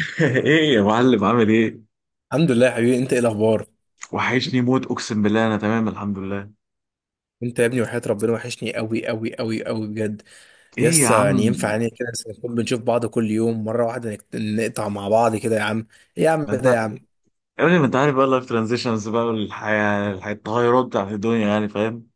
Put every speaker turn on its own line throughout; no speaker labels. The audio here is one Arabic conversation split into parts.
ايه يا معلم، عامل ايه؟
الحمد لله يا حبيبي، انت ايه الاخبار؟
وحشني موت، اقسم بالله. انا تمام، الحمد لله.
انت يا ابني وحياة ربنا وحشني قوي قوي قوي قوي بجد.
ايه يا
يسا يعني
عم؟
ينفع يعني كده، بس نكون بنشوف بعض كل يوم مره واحده، نقطع مع بعض كده يا عم. ايه يا عم،
ما انت
ده يا
يا
عم.
ابني، ما انت عارف بقى اللايف ترانزيشنز بقى التغيرات بتاعت الدنيا، يعني فاهم؟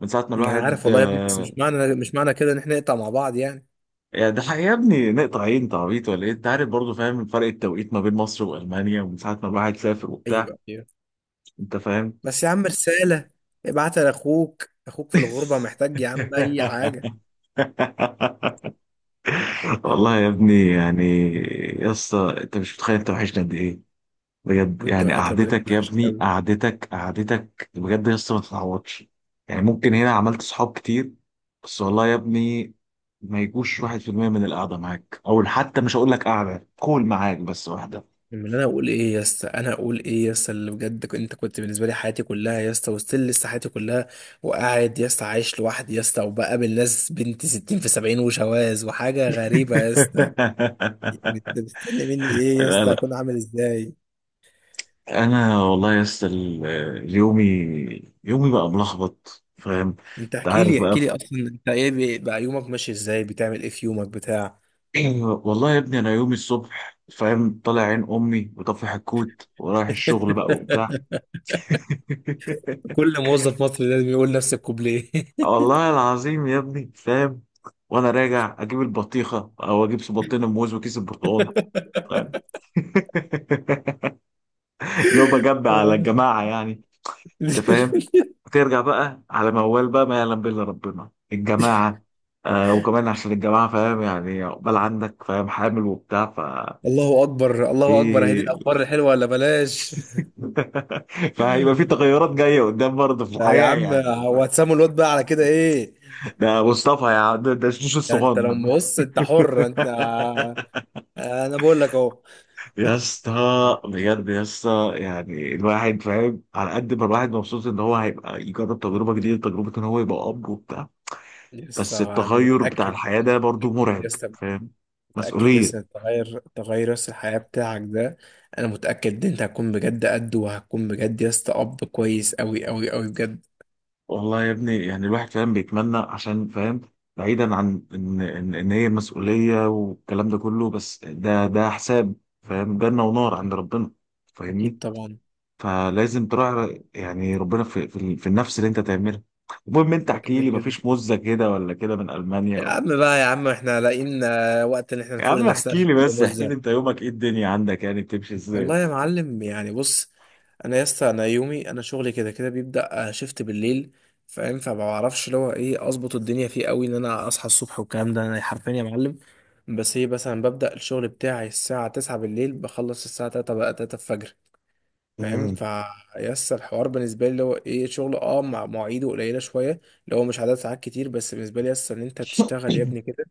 من ساعة ما
انا عارف
الواحد
والله يا ابني، بس مش معنى كده ان احنا نقطع مع بعض يعني.
يعني ده حقيقي يا ابني نقطع؟ عين انت، عبيط ولا ايه؟ انت عارف برضه، فاهم فرق التوقيت ما بين مصر والمانيا. ومن ساعة ما الواحد سافر وبتاع،
ايوه ايوه.
انت فاهم؟
بس يا عم، رساله ابعتها لاخوك، اخوك في الغربه محتاج يا عم اي حاجه.
والله يا ابني، يعني يا اسطى انت مش متخيل انت وحشني قد ايه؟ بجد،
وانت
يعني
وحياة ربنا
قعدتك يا
وحشني
ابني،
قوي.
قعدتك بجد يا اسطى ما تتعوضش. يعني ممكن هنا عملت صحاب كتير، بس والله يا ابني ما يجوش واحد في المية من القعدة معاك، أو حتى مش هقول لك قعدة كول معاك بس واحدة.
لما انا اقول ايه يا اسطى انا اقول ايه يا اسطى، اللي بجد انت كنت بالنسبه لي حياتي كلها يا اسطى، وستيل لسه حياتي كلها. وقاعد يا اسطى عايش لوحدي يا اسطى، وبقابل ناس بنت 60 في 70، وشواذ وحاجه غريبه يا اسطى. انت مستني مني ايه يا
لا،
اسطى؟
لا.
اكون عامل ازاي؟
أنا والله يا اسطى يومي بقى ملخبط، فاهم.
انت
أنت
احكي
عارف
لي
بقى.
احكي لي، اصلا انت ايه بقى، يومك ماشي ازاي، بتعمل ايه في يومك بتاع.
ايوه. والله يا ابني، أنا يومي الصبح، فاهم، طالع عين أمي وطفي حكوت، ورايح الشغل بقى وبتاع.
كل موظف مصري لازم يقول نفس الكوبليه.
والله العظيم يا ابني، فاهم. وانا راجع اجيب البطيخه، او اجيب صباطين موز وكيس البرتقال، فاهم. لو بجمع على الجماعه يعني، انت فاهم. ترجع بقى على موال بقى ما يعلم به الا ربنا، الجماعه. آه، وكمان عشان الجماعه، فاهم، يعني عقبال عندك، فاهم، حامل وبتاع.
الله اكبر، الله اكبر، هذه
في.
الاخبار الحلوه ولا بلاش؟
فهيبقى في تغيرات جايه قدام برضه في
لا يا
الحياه
عم،
يعني.
هو هتسموا الواد بقى على كده ايه؟
ده مصطفى يا عم، ده الشيش
ده انت
الصغنن.
لما بص، انت حر انت. انا بقول لك اهو.
يا اسطى بجد، يا اسطى يعني الواحد فاهم على قد ما الواحد مبسوط ان هو هيبقى يجرب تجربه جديده، تجربه ان هو يبقى اب وبتاع.
يس،
بس
انا
التغير بتاع
متاكد.
الحياه ده برضو
متاكد
مرعب،
يس،
فاهم،
متاكد يس،
مسؤوليه.
إن تغير تغير يس الحياه بتاعك ده. انا متاكد ان انت هتكون بجد قد، وهتكون بجد يس اب كويس قوي قوي قوي بجد.
والله يا ابني، يعني الواحد فاهم بيتمنى عشان فاهم. بعيدا عن إن هي مسؤوليه والكلام ده كله، بس ده حساب، فاهم، جنه ونار عند ربنا،
اكيد
فاهمني.
طبعا.
فلازم تراعي يعني ربنا في النفس اللي انت تعملها. المهم، انت
ده
احكي
كده
لي،
كده
مفيش مزة كده ولا كده من المانيا
يا
و...
عم بقى، يا عم احنا لاقيين وقت ان احنا
يا
نفوق
عم
لنفسنا
احكي لي،
في
بس احكي لي
الموزة؟
انت يومك ايه، الدنيا عندك يعني بتمشي ازاي؟
والله يا معلم يعني بص، انا يا اسطى انا يومي انا شغلي كده كده بيبدا شيفت بالليل. فاهم، فما بعرفش اللي هو ايه، اظبط الدنيا فيه قوي ان انا اصحى الصبح والكلام ده. انا حرفيا يا معلم، بس هي مثلا ببدا الشغل بتاعي الساعه 9 بالليل، بخلص الساعه 3، بقى 3 الفجر. فاهم
مم.
ف يا اسطى، الحوار بالنسبه لي اللي هو ايه، شغل مع مواعيده قليله شويه، اللي هو مش عدد ساعات كتير، بس بالنسبه لي يا اسطى ان انت تشتغل يا ابني كده،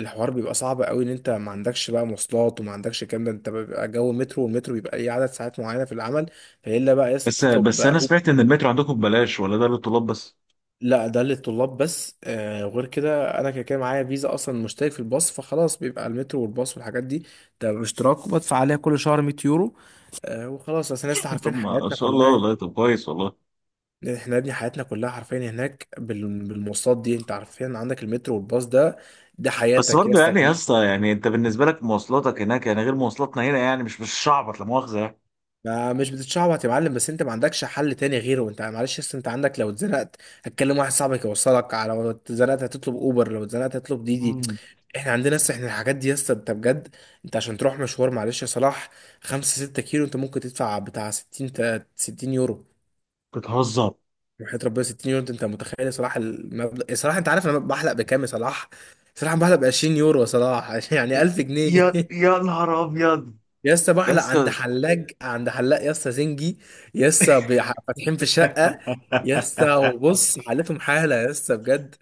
الحوار بيبقى صعب قوي ان انت ما عندكش بقى مواصلات وما عندكش الكلام ده. انت بيبقى جو مترو، والمترو بيبقى ليه عدد ساعات معينه في العمل. فالا بقى يا اسطى
بس
بتطلب
بس
بقى
انا سمعت ان المترو عندكم ببلاش، ولا ده للطلاب بس؟
لا، ده للطلاب بس. وغير كده انا كده كده معايا فيزا، اصلا مشترك في الباص، فخلاص بيبقى المترو والباص والحاجات دي. ده باشتراك وبدفع عليها كل شهر 100 يورو. وخلاص، اصل الناس عارفين
طب، ما
حياتنا
شاء الله،
كلها.
والله طب كويس والله.
احنا يا ابني حياتنا كلها حرفيا هناك بالمواصلات دي، انت عارفين، عندك المترو والباص ده. ده
بس
حياتك يا
برضه
اسطى.
يعني يا اسطى، يعني انت بالنسبه لك مواصلاتك هناك يعني غير مواصلاتنا هنا، يعني مش شعبط، لا مؤاخذه يعني.
ما مش بتتشعبط يا معلم، بس انت ما عندكش حل تاني غيره. انت معلش، اصل انت عندك لو اتزنقت هتكلم واحد صاحبك يوصلك على، لو اتزنقت هتطلب اوبر، لو اتزنقت هتطلب ديدي.
مم.
احنا عندنا لسه احنا الحاجات دي. يس، انت بجد. انت عشان تروح مشوار معلش يا صلاح، 5 6 كيلو انت ممكن تدفع بتاع 60 يورو.
بتهزر.
وحياة ربنا 60 يورو، انت متخيل يا صلاح المبلغ يا صلاح؟ انت عارف انا بحلق بكام يا صلاح؟ صلاح، أنا بحلق ب 20 يورو يا صلاح، يعني 1000 جنيه.
يا نهار ابيض
يا اسطى
يا
بحلق عند
اسطى.
حلاج عند حلاق يا اسطى زنجي. يا اسطى فاتحين في شقه. يا اسطى، وبص حالتهم حاله يا اسطى بجد.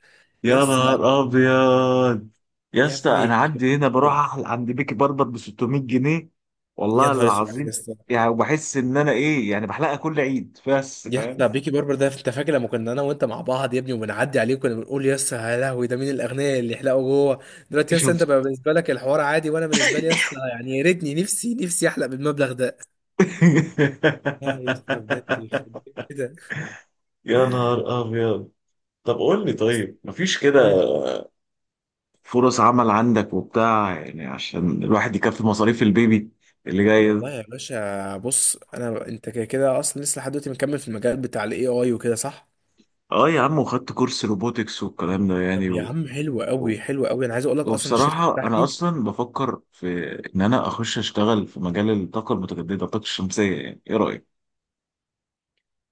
يا
يا اسطى،
نهار ابيض يا
يا
اسطى. انا
ابني،
عندي هنا بروح عند بيكي بربر ب 600 جنيه،
يا
والله
نهار اسود يا
العظيم.
اسطى.
يعني وبحس ان انا ايه، يعني بحلقها كل عيد بس،
يا
فاهم.
اسطى بيكي باربر ده، انت فاكر لما كنا انا وانت مع بعض يا ابني وبنعدي عليه كنا بنقول يا اسطى يا لهوي، ده مين الاغنياء اللي يحلقوا جوه؟ دلوقتي يا اسطى انت
شوف.
بقى بالنسبه لك الحوار عادي، وانا بالنسبه لي يا اسطى يعني، يا ريتني نفسي نفسي احلق بالمبلغ ده. يا اسطى بجد يخرب بيت
يا نهار ابيض. طب قول لي،
كده.
طيب مفيش كده فرص عمل عندك وبتاع، يعني عشان الواحد يكفي مصاريف البيبي اللي جاي ده؟
والله يا باشا بص، انا انت كده كده اصلا لسه لحد دلوقتي مكمل في المجال بتاع الاي اي وكده، صح؟
اه يا عم، وخدت كورس روبوتكس والكلام ده يعني
طب يا
و...
عم حلو قوي حلو قوي، انا عايز اقول لك اصلا الشركه
وبصراحة أنا
بتاعتي،
أصلا بفكر في إن أنا أخش أشتغل في مجال الطاقة المتجددة، الطاقة الشمسية يعني، إيه رأيك؟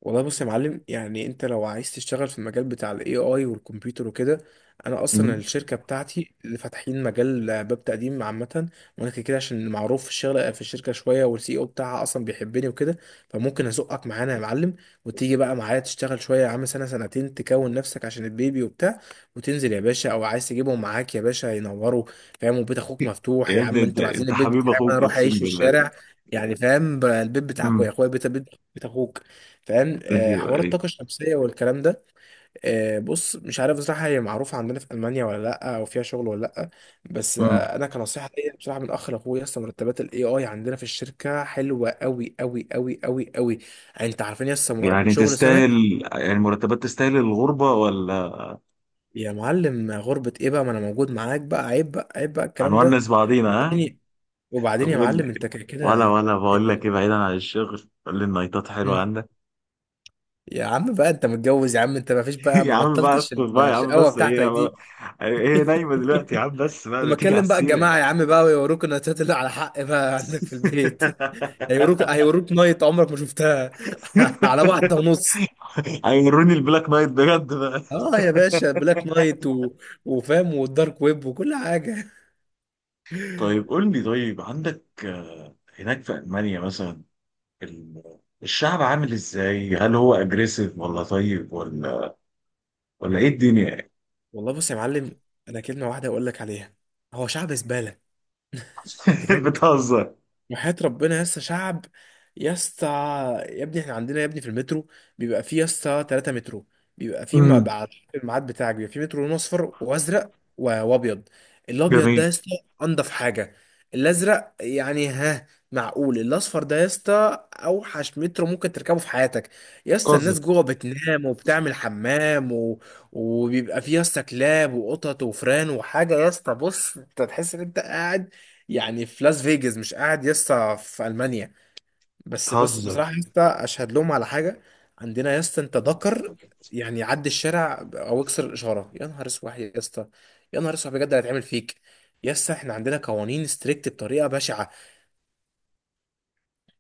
والله بص يا معلم يعني انت لو عايز تشتغل في المجال بتاع الاي اي والكمبيوتر وكده، انا اصلا
مم.
الشركه بتاعتي اللي فاتحين مجال باب تقديم عامه. وانا كده كده عشان معروف في الشغل في الشركه شويه، والسي او بتاعها اصلا بيحبني وكده، فممكن ازقك معانا يا معلم. وتيجي بقى معايا تشتغل شويه يا عم، سنه سنتين تكون نفسك عشان البيبي وبتاع، وتنزل يا باشا، او عايز تجيبهم معاك يا باشا ينوروا. فاهم، وبيت اخوك مفتوح
يا
يا
ابني،
عم،
أنت
انتوا لو عايزين
أنت
البيت
حبيب
بتاعي وانا
أخوك،
اروح اعيش
أقسم
في
بالله.
الشارع يعني. فاهم، البيت بتاعكوا يا
امم.
اخويا بيت بيت، بيت اخوك. فاهم،
أيوه،
حوار
أيوه.
الطاقة الشمسية والكلام ده، بص مش عارف بصراحة هي معروفة عندنا في ألمانيا ولا لأ، أو فيها شغل ولا لأ. بس
امم.
أنا كنصيحة ليا بصراحة من أخ لأخويا، أصلا مرتبات ال AI عندنا في الشركة حلوة أوي أوي أوي أوي أوي. يعني أنت عارفين لسه
يعني
شغل سنة.
تستاهل، يعني مرتبات تستاهل الغربة ولا؟
يا معلم غربة إيه بقى، ما أنا موجود معاك بقى، عيب بقى، عيب بقى الكلام ده.
هنونس بعضينا، ها؟
وبعدين،
طب
يا
قول
معلم
لي.
أنت كده
ولا
كده،
ولا بقول
أنت.
لك إيه، بعيدا عن الشغل، قول لي، النايتات حلوة
مم.
عندك؟
يا عم بقى أنت متجوز يا عم، أنت ما فيش بقى،
يا
ما
عم بقى،
بطلتش
اسكت بقى يا عم،
الشقاوة
بس
بتاعتك
هي
دي.
هي نايمة دلوقتي يا عم، بس بقى
وما
تيجي على
كلم بقى
السيرة.
الجماعة يا عم بقى، ويوروك النايتات اللي على حق بقى عندك في البيت. هيوروك هيوروك نايت عمرك ما شفتها، على واحدة ونص.
هيوروني البلاك نايت بجد بقى.
اه يا باشا بلاك نايت، وفام والدارك ويب، وكل حاجة.
طيب قول لي، طيب عندك، هناك في ألمانيا مثلا الشعب عامل ازاي؟ هل هو اجريسيف ولا طيب، ولا ايه الدنيا يعني؟
والله بص يا معلم، انا كلمة واحدة اقول لك عليها، هو شعب زبالة. بجد،
بتهزر.
وحياة ربنا يا اسطى شعب. يا اسطى، يا ابني احنا عندنا يا ابني في المترو بيبقى فيه يا اسطى 3 مترو. بيبقى فيه، ما
امم
بعد الميعاد بتاعك بيبقى فيه مترو لون اصفر وازرق وابيض. الابيض ده
جميل.
يا اسطى انضف حاجه. الازرق يعني ها، معقول. الاصفر ده يا اسطى اوحش مترو ممكن تركبه في حياتك. يا اسطى
بتهزر
الناس جوه بتنام وبتعمل حمام وبيبقى فيه يا اسطى كلاب وقطط وفران وحاجه، يا اسطى بص انت تحس ان انت قاعد يعني في لاس فيجاس، مش قاعد يسطا في المانيا. بس
بتهزر
بصراحه يسطا اشهد لهم على حاجه، عندنا يسطا انت ذكر، يعني عدي الشارع او اكسر الاشاره يا نهار اسود يا اسطى. يا نهار اسود بجد اللي هيتعمل فيك. يا اسطى احنا عندنا قوانين ستريكت بطريقه بشعه.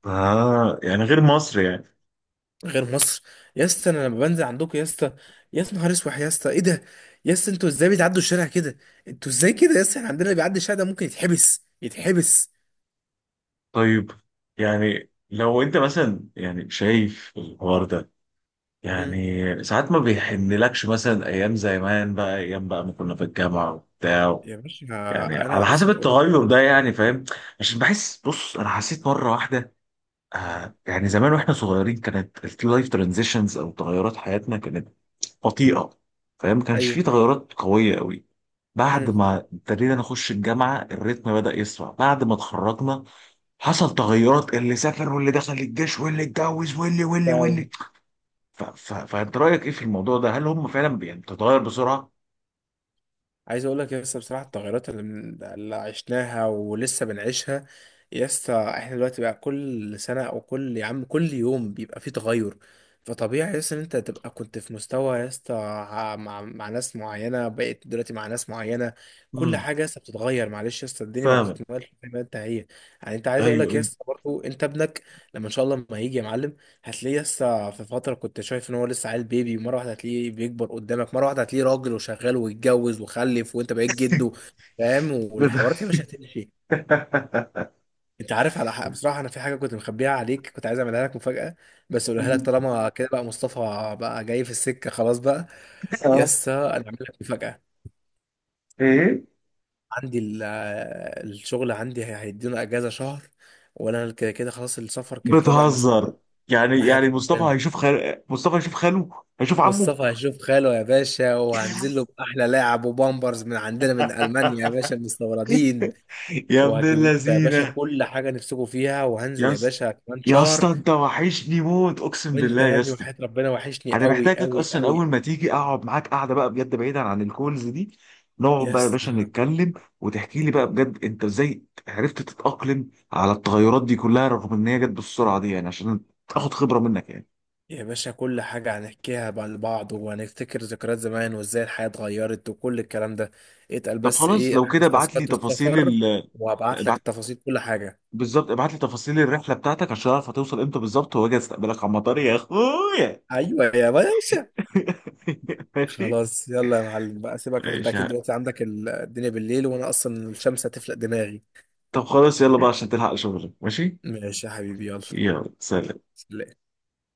يعني غير مصر يعني.
غير مصر. يا اسطى انا لما بنزل عندكم يا اسطى، يا نهار اسود يا اسطى ايه ده. يا اسطى انتوا ازاي بتعدوا الشارع كده؟ انتوا ازاي كده يا اسطى، احنا عندنا اللي بيعدي الشارع ده ممكن يتحبس يتحبس.
طيب، يعني لو انت مثلا يعني شايف الحوار ده،
مم.
يعني ساعات ما بيحنلكش مثلا ايام زمان بقى، ايام بقى ما كنا في الجامعه وبتاع،
يا باشا،
يعني على
انا
حسب
اصلا اوريدي.
التغير ده يعني، فاهم. عشان بحس، بص انا حسيت مره واحده، يعني زمان واحنا صغيرين كانت اللايف ترانزيشنز او تغيرات حياتنا كانت بطيئه، فاهم، ما كانش في
ايوه.
تغيرات قويه قوي. بعد
مم.
ما ابتدينا نخش الجامعه، الريتم بدا يسرع. بعد ما اتخرجنا حصل تغيرات، اللي سافر واللي دخل الجيش واللي اتجوز واللي واللي واللي.
فعلا.
فانت رايك ايه في الموضوع ده، هل هم فعلا يعني بتتغير بسرعه؟
عايز اقول لك يا اسطى بصراحه التغيرات اللي عشناها ولسه بنعيشها، يا اسطى احنا دلوقتي بقى كل سنه او كل، يا عم، كل يوم بيبقى فيه تغير. فطبيعي يا اسطى ان انت تبقى كنت في مستوى يا اسطى مع ناس معينه، بقيت دلوقتي مع ناس معينه. كل
امم
حاجه يا اسطى بتتغير، معلش يا اسطى الدنيا ما
فاهم.
بتتمالش زي ما انت هي. يعني انت عايز اقول
ايوه،
لك يا
ايوه.
اسطى برضه، انت ابنك لما ان شاء الله ما هيجي يا معلم، هتلاقيه لسه في فترة كنت شايف ان هو لسه عيل بيبي، ومرة واحدة هتلاقيه بيكبر قدامك، مرة واحدة هتلاقيه راجل وشغال ويتجوز وخلف وانت بقيت جده. فاهم،
بت-
والحوارات يا باشا هتمشي. انت عارف، على حق بصراحة انا في حاجة كنت مخبيها عليك، كنت عايز اعملها لك مفاجأة، بس اقولها لك طالما كده بقى، مصطفى بقى جاي في السكة خلاص بقى.
اه،
يسا، انا اعمل لك مفاجأة.
ايه؟
عندي الشغل عندي هيدونا اجازة شهر، وانا كده كده خلاص السفر كده كده بقى مسموح.
بتهزر. يعني
بحياة
يعني
ربنا،
مصطفى هيشوف خاله، هيشوف عمه.
مصطفى هيشوف خاله يا باشا، وهنزل له بأحلى لاعب وبامبرز من عندنا من ألمانيا يا باشا مستوردين.
يا ابن
وهجيب لكم يا باشا
اللذينه،
كل حاجة نفسكم فيها، وهنزل
يا
يا
اسطى،
باشا كمان
يا
شهر.
اسطى انت وحشني موت، اقسم
وانت
بالله
يا
يا
ابني
اسطى.
وحياة ربنا وحشني
انا
قوي
محتاجك،
قوي
اصلا اول
قوي.
ما تيجي اقعد معاك، قاعده بقى بجد بعيدا عن الكولز دي، نقعد بقى يا
يس
باشا نتكلم. وتحكي لي بقى بجد انت ازاي عرفت تتاقلم على التغيرات دي كلها، رغم ان هي جت بالسرعه دي يعني، عشان اخد خبره منك يعني.
يا باشا، كل حاجة هنحكيها بقى لبعض، وهنفتكر ذكريات زمان وازاي الحياة اتغيرت وكل الكلام ده. اتقل
طب
بس
خلاص،
ايه،
لو كده
حاجز
ابعت لي
تذكرة
تفاصيل
السفر، وهبعت لك
ابعت.
تفاصيل كل حاجة.
بالظبط، ابعت لي تفاصيل الرحله بتاعتك عشان اعرف هتوصل امتى بالظبط، واجي استقبلك على المطار يا اخويا.
ايوه يا باشا.
ماشي.
خلاص يلا يا معلم بقى، سيبك، عشان انت
ماشي.
اكيد دلوقتي عندك الدنيا بالليل، وانا اصلا الشمس هتفلق دماغي.
طب خلاص، يلا بقى عشان تلحق شغلك. ماشي،
ماشي يا حبيبي، يلا
يلا سلام.
سلام.